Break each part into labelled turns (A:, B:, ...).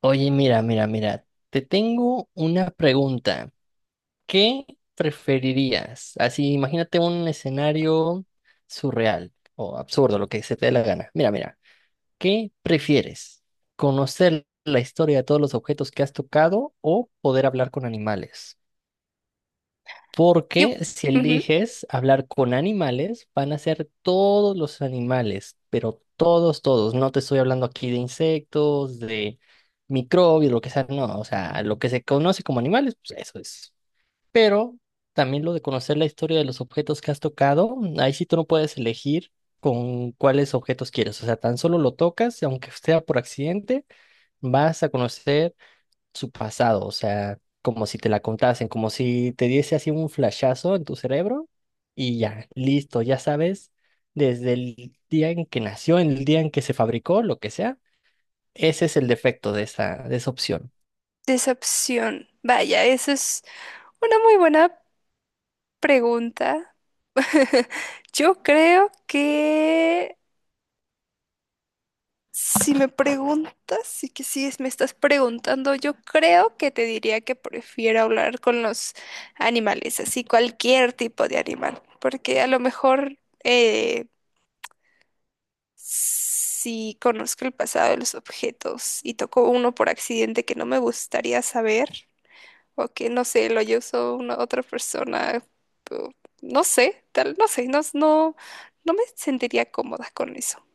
A: Oye, mira, mira, mira, te tengo una pregunta. ¿Qué preferirías? Así, imagínate un escenario surreal o absurdo, lo que se te dé la gana. Mira, mira, ¿qué prefieres? ¿Conocer la historia de todos los objetos que has tocado o poder hablar con animales?
B: Yo,
A: Porque si
B: ujú,
A: eliges hablar con animales, van a ser todos los animales, pero todos, todos. No te estoy hablando aquí de insectos, de microbios, lo que sea, no. O sea, lo que se conoce como animales, pues eso es. Pero también lo de conocer la historia de los objetos que has tocado, ahí sí tú no puedes elegir con cuáles objetos quieres. O sea, tan solo lo tocas y aunque sea por accidente, vas a conocer su pasado, o sea, como si te la contasen, como si te diese así un flashazo en tu cerebro y ya, listo, ya sabes, desde el día en que nació, el día en que se fabricó, lo que sea, ese es el defecto de esa opción.
B: decepción. Vaya, esa es una muy buena pregunta. Yo creo que si me preguntas, sí que sí es- me estás preguntando, yo creo que te diría que prefiero hablar con los animales, así cualquier tipo de animal, porque a lo mejor eh, si conozco el pasado de los objetos y toco uno por accidente que no me gustaría saber, o que no sé, lo usó una otra persona, o no sé, tal, no sé, no me sentiría cómoda con eso.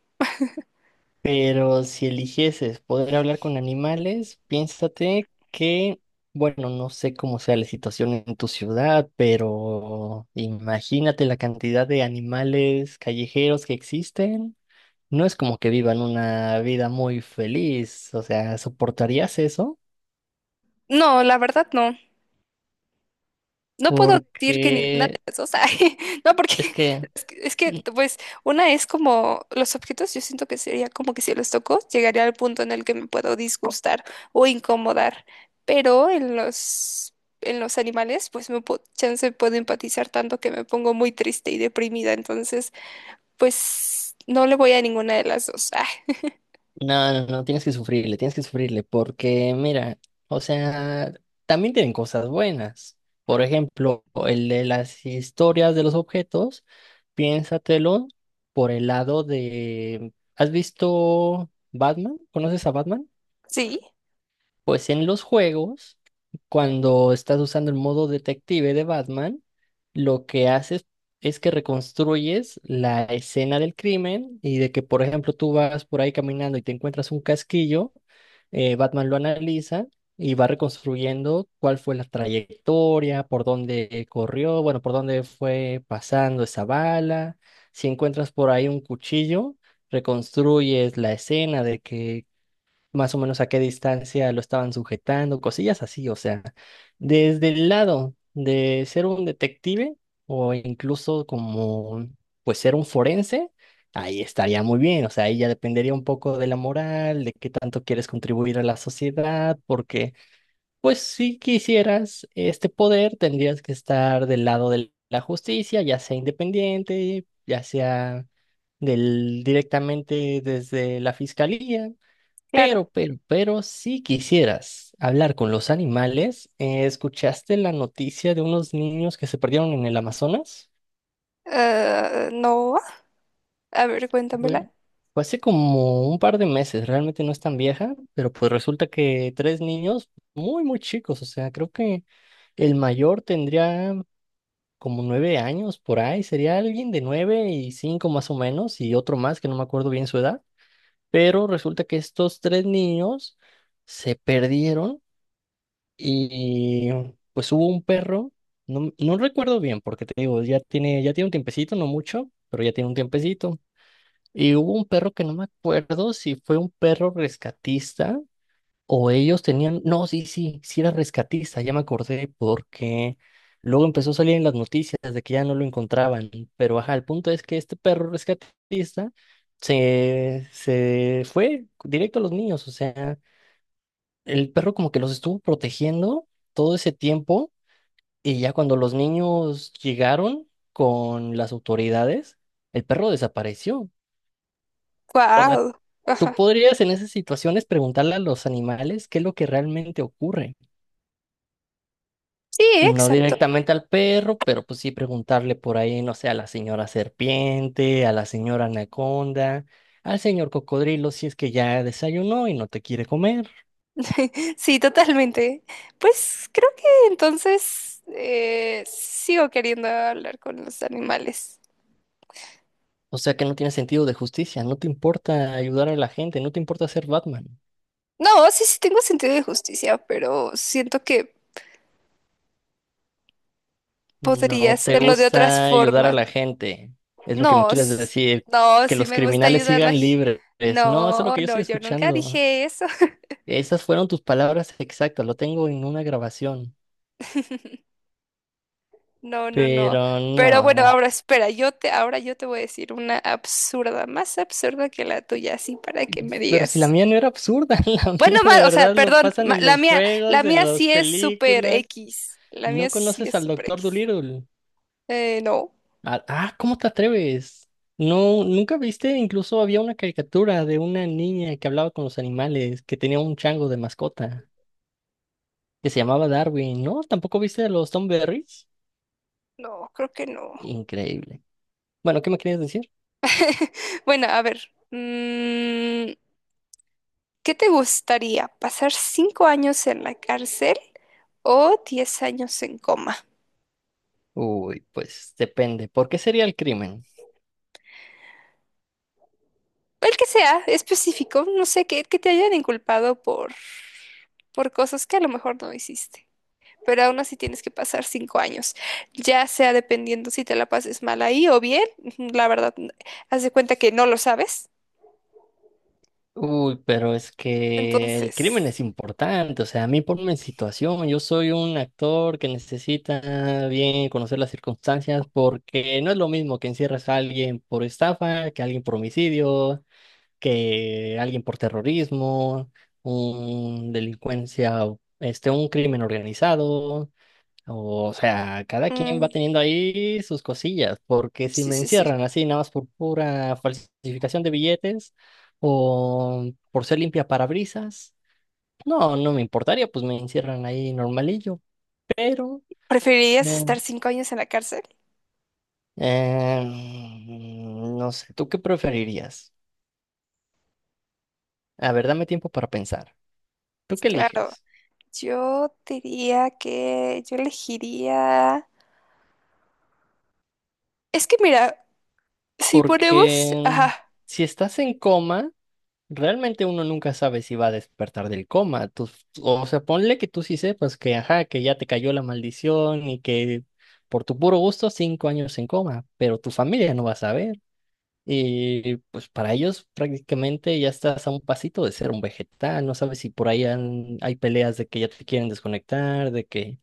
A: Pero si eligieses poder hablar con animales, piénsate que, bueno, no sé cómo sea la situación en tu ciudad, pero imagínate la cantidad de animales callejeros que existen. No es como que vivan una vida muy feliz, o sea, ¿soportarías eso?
B: No, la verdad no. No puedo decir que ninguna
A: Porque
B: de las dos. Ay, no, porque
A: es que
B: es que
A: mm,
B: pues, una es como los objetos, yo siento que sería como que si los toco, llegaría al punto en el que me puedo disgustar o incomodar. Pero en los animales, pues, me puedo, chance puedo empatizar tanto que me pongo muy triste y deprimida. Entonces, pues no le voy a ninguna de las dos. Ah.
A: no, no, no, tienes que sufrirle, porque mira, o sea, también tienen cosas buenas. Por ejemplo, el de las historias de los objetos, piénsatelo por el lado de, ¿has visto Batman? ¿Conoces a Batman?
B: Sí,
A: Pues en los juegos, cuando estás usando el modo detective de Batman, lo que haces es que reconstruyes la escena del crimen y de que, por ejemplo, tú vas por ahí caminando y te encuentras un casquillo, Batman lo analiza y va reconstruyendo cuál fue la trayectoria, por dónde corrió, bueno, por dónde fue pasando esa bala. Si encuentras por ahí un cuchillo, reconstruyes la escena de que más o menos a qué distancia lo estaban sujetando, cosillas así, o sea, desde el lado de ser un detective o incluso como, pues ser un forense, ahí estaría muy bien, o sea, ahí ya dependería un poco de la moral, de qué tanto quieres contribuir a la sociedad, porque, pues si quisieras este poder, tendrías que estar del lado de la justicia, ya sea independiente, ya sea... del directamente desde la fiscalía,
B: claro.
A: pero, si quisieras hablar con los animales, ¿escuchaste la noticia de unos niños que se perdieron en el Amazonas?
B: Ah, no, a ver, cuéntamela.
A: Fue, fue hace como un par de meses, realmente no es tan vieja, pero pues resulta que tres niños muy, muy chicos, o sea, creo que el mayor tendría como 9 años por ahí, sería alguien de 9 y 5 más o menos, y otro más que no me acuerdo bien su edad, pero resulta que estos tres niños se perdieron. Y pues hubo un perro, no, no recuerdo bien, porque te digo, ya tiene un tiempecito, no mucho, pero ya tiene un tiempecito. Y hubo un perro que no me acuerdo si fue un perro rescatista o ellos tenían, no, sí, sí, sí era rescatista, ya me acordé, porque luego empezó a salir en las noticias de que ya no lo encontraban. Pero ajá, el punto es que este perro rescatista se fue directo a los niños, o sea el perro como que los estuvo protegiendo todo ese tiempo y ya cuando los niños llegaron con las autoridades, el perro desapareció. O sea,
B: Wow.
A: tú
B: Ajá.
A: podrías en esas situaciones preguntarle a los animales qué es lo que realmente ocurre.
B: Sí,
A: No
B: exacto.
A: directamente al perro, pero pues sí preguntarle por ahí, no sé, a la señora serpiente, a la señora anaconda, al señor cocodrilo si es que ya desayunó y no te quiere comer.
B: Sí, totalmente. Pues creo que entonces sigo queriendo hablar con los animales.
A: O sea que no tiene sentido de justicia, no te importa ayudar a la gente, no te importa ser Batman,
B: No, sí, sí tengo sentido de justicia, pero siento que podría
A: no te
B: hacerlo de otras
A: gusta ayudar a
B: formas.
A: la gente, es lo que me
B: No,
A: quieres
B: s-
A: decir,
B: no,
A: que
B: sí
A: los
B: me gusta
A: criminales
B: ayudar a la...
A: sigan
B: g-
A: libres. No, eso es lo
B: No,
A: que yo
B: no,
A: estoy
B: yo nunca
A: escuchando.
B: dije eso.
A: Esas fueron tus palabras exactas, lo tengo en una grabación,
B: No, no, no.
A: pero
B: Pero bueno,
A: no.
B: ahora espera, ahora yo te voy a decir una absurda, más absurda que la tuya, así para que me
A: Pero si la
B: digas.
A: mía no era absurda, la mía
B: Bueno,
A: de verdad lo pasan en los
B: la
A: juegos, en
B: mía
A: las
B: sí es super
A: películas.
B: X. La
A: No
B: mía sí
A: conoces
B: es
A: al
B: super
A: Doctor
B: X.
A: Dolittle.
B: No,
A: Ah, ah, ¿cómo te atreves? No, nunca viste, incluso había una caricatura de una niña que hablaba con los animales, que tenía un chango de mascota, que se llamaba Darwin, ¿no? ¿Tampoco viste los Tom Berries?
B: no, creo que no.
A: Increíble. Bueno, ¿qué me querías decir?
B: Bueno, a ver. ¿Qué te gustaría? ¿Pasar 5 años en la cárcel o 10 años en coma?
A: Uy, pues depende. ¿Por qué sería el crimen?
B: El que sea específico, no sé, que te hayan inculpado por cosas que a lo mejor no hiciste. Pero aún así tienes que pasar 5 años, ya sea dependiendo si te la pases mal ahí o bien, la verdad, haz de cuenta que no lo sabes.
A: Uy, pero es que el crimen
B: Entonces,
A: es importante, o sea, a mí ponme en situación, yo soy un actor que necesita bien conocer las circunstancias porque no es lo mismo que encierres a alguien por estafa, que a alguien por homicidio, que a alguien por terrorismo, un delincuencia, este, un crimen organizado. O sea, cada quien va
B: mm,
A: teniendo ahí sus cosillas, porque si
B: sí,
A: me
B: sí,
A: encierran
B: sí.
A: así nada más por pura falsificación de billetes o por ser limpia parabrisas, no, no me importaría, pues me encierran ahí normalillo, pero eh,
B: ¿Preferirías estar 5 años en la cárcel?
A: no sé, ¿tú qué preferirías? A ver, dame tiempo para pensar. ¿Tú
B: Pues
A: qué
B: claro,
A: eliges?
B: yo diría que yo elegiría... Es que mira, si ponemos...
A: Porque
B: Ajá,
A: si estás en coma, realmente uno nunca sabe si va a despertar del coma. O sea, ponle que tú sí sepas que, ajá, que ya te cayó la maldición y que por tu puro gusto 5 años en coma, pero tu familia no va a saber. Y pues para ellos prácticamente ya estás a un pasito de ser un vegetal. No sabes si por ahí hay peleas de que ya te quieren desconectar, de que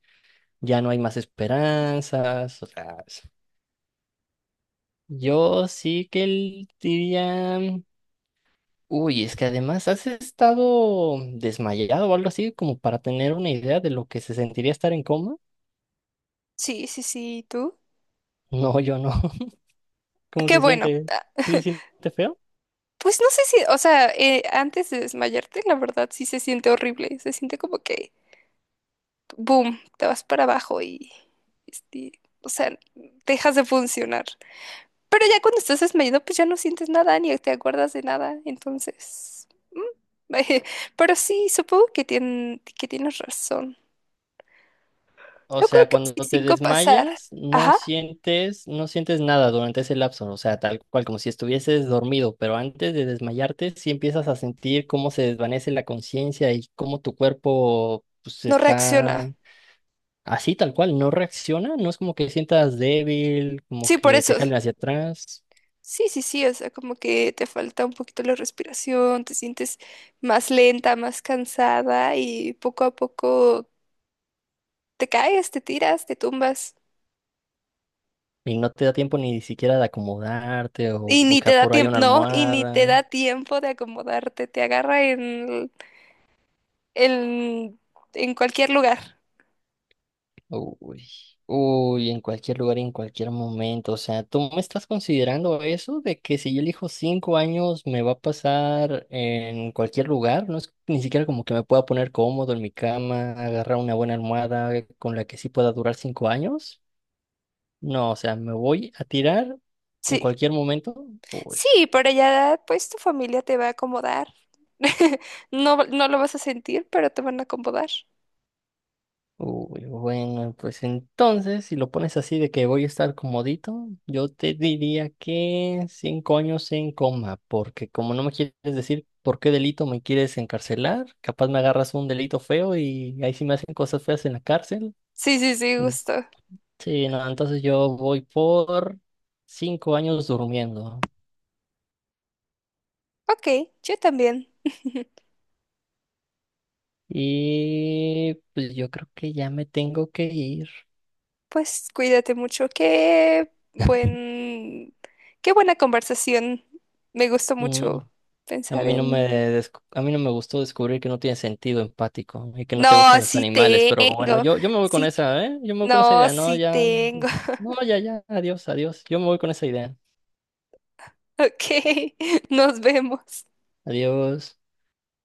A: ya no hay más esperanzas. O sea, yo sí que diría. Uy, es que además has estado desmayado o algo así, como para tener una idea de lo que se sentiría estar en coma.
B: sí, sí, sí, ¿y tú?
A: No, yo no. ¿Cómo
B: Qué
A: se
B: bueno.
A: siente? ¿Sí se siente feo?
B: Pues no sé si, o sea, antes de desmayarte, la verdad sí se siente horrible. Se siente como que, boom, te vas para abajo y, este, o sea, dejas de funcionar. Pero ya cuando estás desmayado, pues ya no sientes nada ni te acuerdas de nada. Entonces, mm, pero sí, supongo que, que tienes razón.
A: O
B: Yo creo
A: sea,
B: que sí,
A: cuando te
B: cinco pasar.
A: desmayas, no
B: Ajá,
A: sientes, no sientes nada durante ese lapso. O sea, tal cual como si estuvieses dormido, pero antes de desmayarte, sí empiezas a sentir cómo se desvanece la conciencia y cómo tu cuerpo, pues,
B: no
A: está.
B: reacciona.
A: Así tal cual, no reacciona, no es como que sientas débil, como
B: Sí, por
A: que
B: eso.
A: te jalen hacia atrás.
B: Sí, sí, sí, o sea, como que te falta un poquito la respiración, te sientes más lenta, más cansada y poco a poco te caes, te tiras, te tumbas
A: Y no te da tiempo ni siquiera de acomodarte o
B: y ni te
A: buscar
B: da
A: por ahí una
B: tiempo, no, y ni te
A: almohada.
B: da tiempo de acomodarte, te agarra en, en cualquier lugar.
A: Uy, uy, en cualquier lugar y en cualquier momento. O sea, ¿tú me estás considerando eso de que si yo elijo 5 años me va a pasar en cualquier lugar? No es ni siquiera como que me pueda poner cómodo en mi cama, agarrar una buena almohada con la que sí pueda durar 5 años. No, o sea, me voy a tirar en
B: Sí,
A: cualquier momento. Uy.
B: sí, pero ya pues tu familia te va a acomodar. No, no lo vas a sentir, pero te van a acomodar.
A: Uy, bueno, pues entonces, si lo pones así de que voy a estar comodito, yo te diría que 5 años en coma, porque como no me quieres decir por qué delito me quieres encarcelar, capaz me agarras un delito feo y ahí sí me hacen cosas feas en la cárcel.
B: Sí, sí, sí,
A: En-
B: gusto.
A: Sí, no, entonces yo voy por 5 años durmiendo.
B: Ok, yo también.
A: Y pues yo creo que ya me tengo que ir.
B: Pues cuídate mucho. Qué buen, qué buena conversación. Me gustó
A: Mm.
B: mucho
A: A
B: pensar
A: mí no
B: en...
A: me, a mí no me gustó descubrir que no tiene sentido empático y que no
B: No,
A: te gustan los
B: sí
A: animales, pero bueno,
B: tengo.
A: yo me voy con
B: Sí,
A: esa, ¿eh? Yo me voy con esa
B: no,
A: idea. No,
B: sí
A: ya,
B: tengo.
A: no, ya, ya, adiós, adiós. Yo me voy con esa idea.
B: Ok, nos vemos.
A: Adiós.